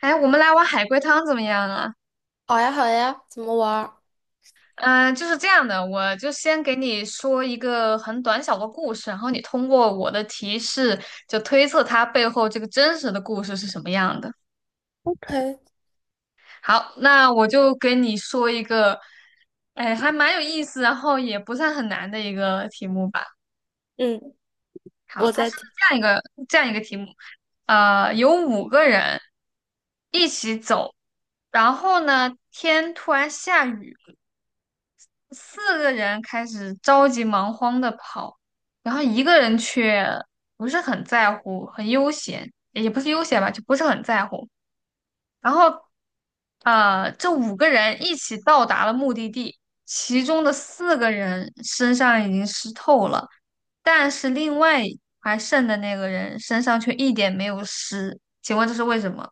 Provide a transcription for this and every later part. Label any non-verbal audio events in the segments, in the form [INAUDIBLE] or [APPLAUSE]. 哎，我们来碗海龟汤怎么样啊？好呀，好呀，怎么玩儿？嗯、就是这样的，我就先给你说一个很短小的故事，然后你通过我的提示，就推测它背后这个真实的故事是什么样的。嘿好，那我就给你说一个，哎，还蛮有意思，然后也不算很难的一个题目吧。嗯，好，我它在是听。这样一个这样一个题目，有五个人一起走，然后呢，天突然下雨。四个人开始着急忙慌的跑，然后一个人却不是很在乎，很悠闲，也不是悠闲吧，就不是很在乎。然后，这五个人一起到达了目的地，其中的四个人身上已经湿透了，但是另外还剩的那个人身上却一点没有湿，请问这是为什么？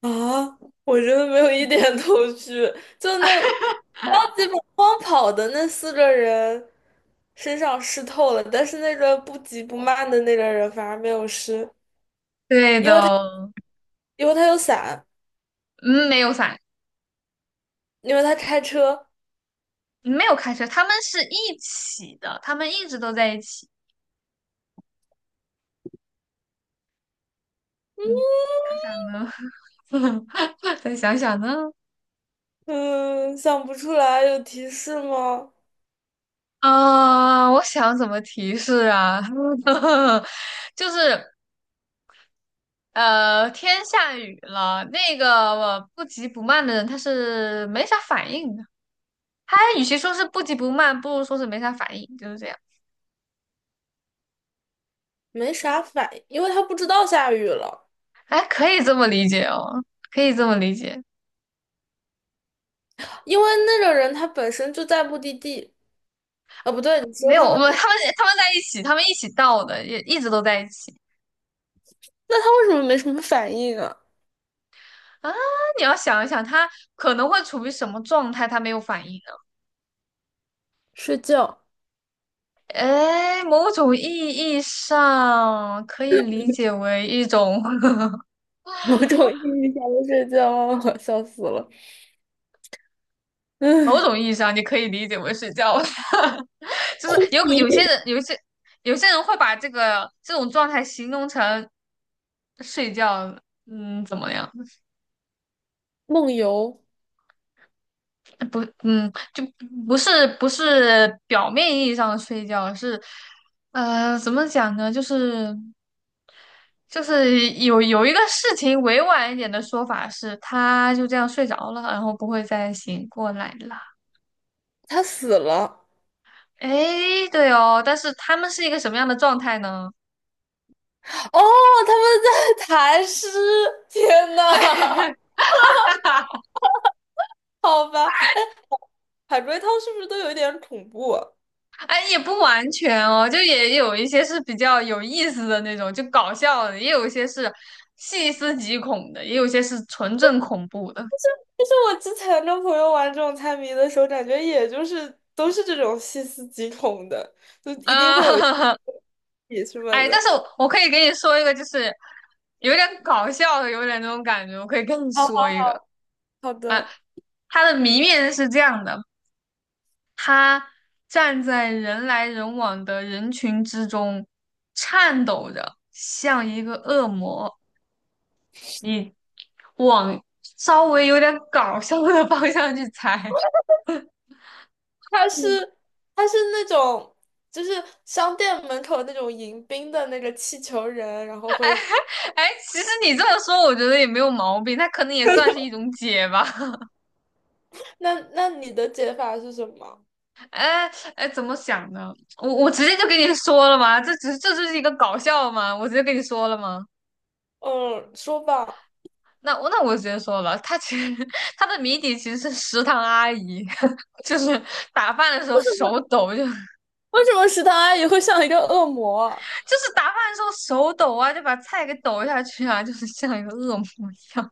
啊，我真的没有一点头绪。就那超级马荒跑的那四个人身上湿透了，但是那个不急不慢的那个人反而没有湿，对的，因为他有伞，嗯，没有伞，因为他开车。没有开车，他们是一起的，他们一直都在一起。嗯，想想呢，[LAUGHS] 再想想呢，嗯，想不出来，有提示吗？啊，我想怎么提示啊？[LAUGHS] 就是天下雨了，那个不急不慢的人他是没啥反应的。他与其说是不急不慢，不如说是没啥反应，就是这样。没啥反应，因为他不知道下雨了。哎，可以这么理解哦，可以这么理解。因为那个人他本身就在目的地，啊，不对，你说没有，他我们。们 [LAUGHS] 他们在一起，他们一起到的，也一直都在一起那他为什么没什么反应啊？啊。你要想一想，他可能会处于什么状态，他没有反应。睡觉，哎，某种意义上可以理解为一种，[LAUGHS] 某种意义上的睡觉啊，[LAUGHS] 我笑死了。某嗯，种意义上你可以理解为睡觉，[LAUGHS] 就是昏有些迷，人，有一些有些人会把这个这种状态形容成睡觉，嗯，怎么样？梦游，不，嗯，就不是表面意义上的睡觉，是怎么讲呢？就是。就是有一个事情，委婉一点的说法是，他就这样睡着了，然后不会再醒过来了。他死了。哎，对哦，但是他们是一个什么样的状态呢？哦，他们在 [LAUGHS] 谈诗。天 [LAUGHS] 对呐，啊，好吧，海龟汤是不是都有一点恐怖啊？哎，也不完全哦，就也有一些是比较有意思的那种，就搞笑的，也有一些是细思极恐的，也有一些是纯正恐怖的。就是我之前跟朋友玩这种猜谜的时候，感觉也就是都是这种细思极恐的，就一定会有一啊、[LAUGHS] 起什么哎，但的。是我可以给你说一个，就是有点搞笑的，有点那种感觉，我可以跟你 [LAUGHS] 好说好一个。好啊，的。他的谜面是这样的：他站在人来人往的人群之中，颤抖着，像一个恶魔。你往稍微有点搞笑的方向去猜。他嗯 是他是那种就是商店门口那种迎宾的那个气球人，然后会，[LAUGHS] 哎，其实你这么说，我觉得也没有毛病，他可能也算是一种解吧。那你的解法是什么？[LAUGHS] 哎哎，怎么想的？我直接就跟你说了嘛，这只是这就是一个搞笑嘛，我直接跟你说了嘛。嗯，说吧。那我直接说了，他其实 [LAUGHS] 他的谜底其实是食堂阿姨，[LAUGHS] 就是打饭的时为候什手么抖，就为什么食堂阿姨会像一个恶魔啊是打饭的时候手抖啊，就把菜给抖下去啊，就是像一个恶魔一样。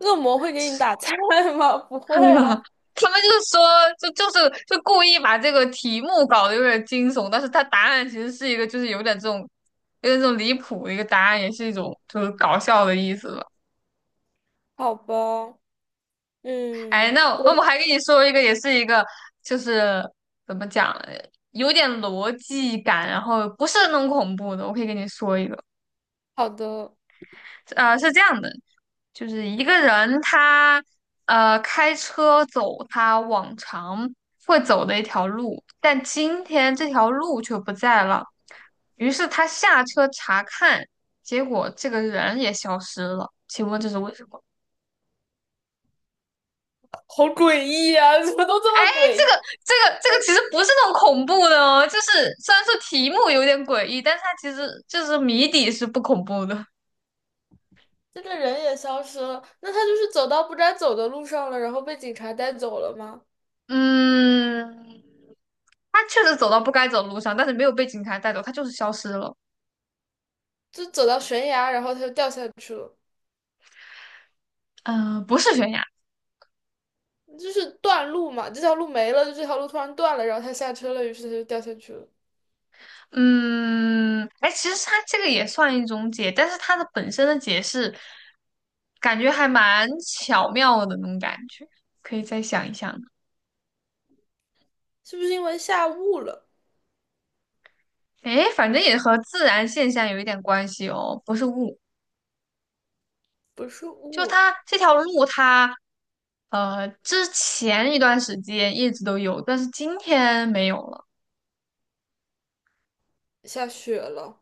恶魔会给你打菜吗？[LAUGHS] 不 [LAUGHS] 会啊。他们就是说，就故意把这个题目搞得有点惊悚，但是他答案其实是一个就是有点这种离谱的一个答案，也是一种就是搞笑的意思吧。好吧，哎，嗯，那我还跟你说一个，也是一个，就是怎么讲，有点逻辑感，然后不是那种恐怖的。我可以跟你说一个，好的。是这样的，就是一个人他开车走他往常会走的一条路，但今天这条路却不在了，于是他下车查看，结果这个人也消失了。请问这是为什么？好诡异啊，怎么都这么诡异？这个其实不是那种恐怖的哦，就是虽然说题目有点诡异，但是它其实就是谜底是不恐怖的。这个人也消失了，那他就是走到不该走的路上了，然后被警察带走了吗？嗯，他确实走到不该走的路上，但是没有被警察带走，他就是消失了。就走到悬崖，然后他就掉下去了。嗯、不是悬崖。就是断路嘛，这条路没了，就这条路突然断了，然后他下车了，于是他就掉下去了。嗯，哎，其实它这个也算一种解，但是它的本身的解释感觉还蛮巧妙的那种感觉，可以再想一想。是不是因为下雾了？哎，反正也和自然现象有一点关系哦，不是物不是就雾，它这条路它，之前一段时间一直都有，但是今天没有了。下雪了，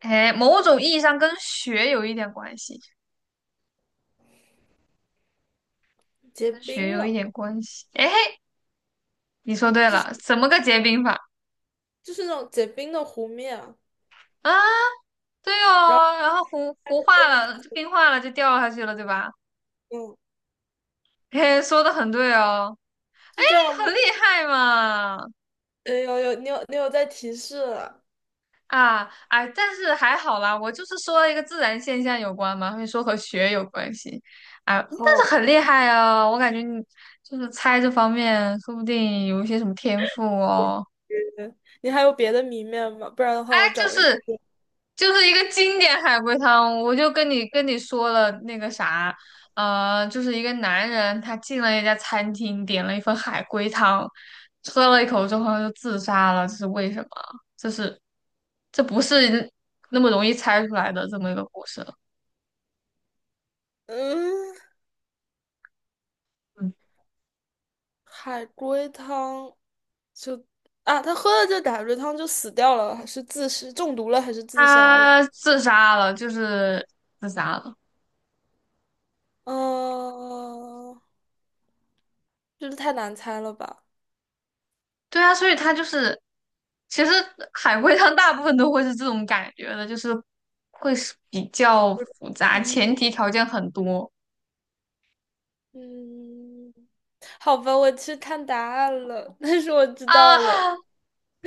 哎，某种意义上跟雪有一点关系，结跟雪冰有一了，点关系。哎，你说对了，怎么个结冰法就是那种结冰的湖面啊啊？对然哦，然后糊糊后化就掉，了，就冰化了就掉下去了，对吧？嗯，嘿，说的很对哦，是这样你吗？很厉害嘛。哎呦呦，你有在提示了，啊，哎，但是还好啦，我就是说了一个自然现象有关嘛，会说和学有关系，啊，好但是很厉害啊，我感觉你就是猜这方面，说不定有一些什么天赋哦。晕，你还有别的谜面吗？不然的话，我就找了一，是就是一个经典海龟汤，我就跟你说了那个啥，就是一个男人他进了一家餐厅，点了一份海龟汤，喝了一口之后他就自杀了，这是为什么？这是这不是那么容易猜出来的这么一个故事，嗯，嗯，海龟汤就啊，他喝了这海龟汤就死掉了，是自是中毒了还是自杀了？他自杀了，就是自杀了。哦，这太难猜了吧？对啊，所以他就是，其实海龟汤大部分都会是这种感觉的，就是会是比较复杂，一前提条件很多嗯，好吧，我去看答案了，[LAUGHS] 但是我知啊，道了。[LAUGHS]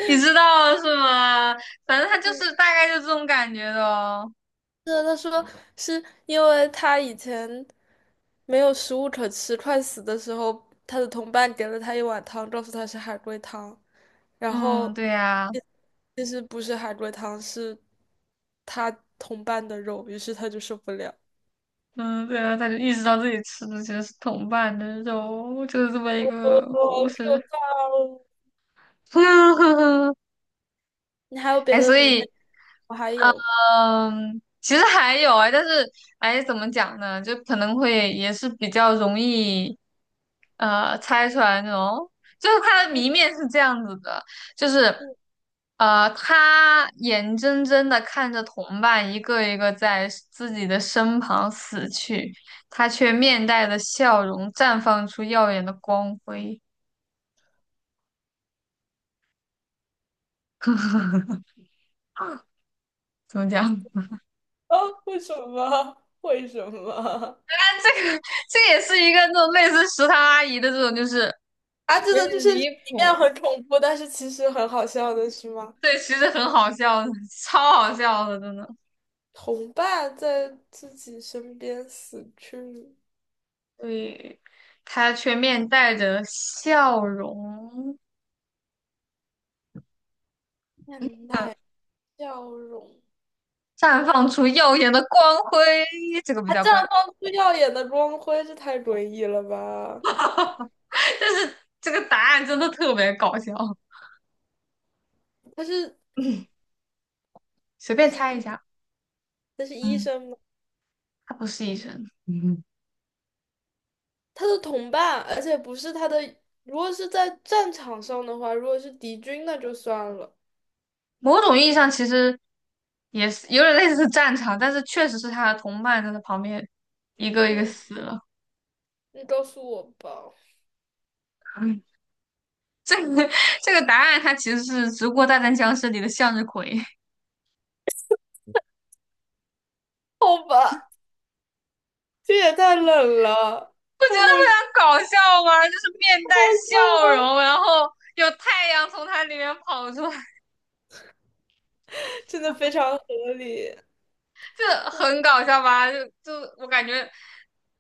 你知道是吗？反正他就是大概就这种感觉的哦。对，他说是因为他以前没有食物可吃，快死的时候，他的同伴给了他一碗汤，告诉他是海龟汤，然后嗯，对呀，其其实不是海龟汤，是他同伴的肉，于是他就受不了。嗯，对啊，他就意识到自己吃的其实是同伴的肉，就是这么哦，一个好故事。可怕哦！[LAUGHS] 你还有别哎，的所谜吗？以。我还有。嗯，其实还有啊，但是哎，怎么讲呢？就可能会也是比较容易，猜出来那种。就是它的谜面是这样子的，就是 [LAUGHS] 他眼睁睁的看着同伴一个一个在自己的身旁死去，他却面带着笑容，绽放出耀眼的光辉。怎么讲？[LAUGHS] 啊，为什么？为什么？[LAUGHS] 这个这也是一个那种类似食堂阿姨的这种，就是啊，这有个就点是里离面谱。很恐怖，但是其实很好笑的是吗？对，其实很好笑的，超好笑的，真的。同伴在自己身边死去，对，他却面带着笑容，面带笑容。绽放出耀眼的光辉，这个比他较绽关键放出耀眼的光辉，这太诡异了吧？但是这个答案真的特别搞笑，他是随他便是猜一医下。他是医嗯，生吗？他不是医生。嗯，他的同伴，而且不是他的。如果是在战场上的话，如果是敌军，那就算了。某种意义上，其实也是有点类似战场，但是确实是他的同伴在他旁边一个一个嗯，死了。你告诉我吧。嗯 [LAUGHS] 这个答案它其实是《植物大战僵尸》里的向日葵。好吧。这也太冷了，不觉得好非好笑，常搞笑吗？就是面带好笑笑啊！容，然后有太阳从它里面跑出来，真的非常合理，就很搞笑吧？就就我感觉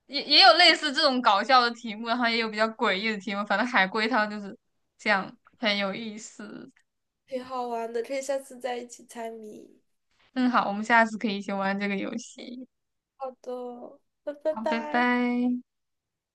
也也有类似这种搞笑的题目，然后也有比较诡异的题目，反正海龟汤就是这样，很有意思。挺好玩的，可以下次再一起猜谜。嗯，好，我们下次可以一起玩这个游戏。好的，那拜好，拜拜。拜。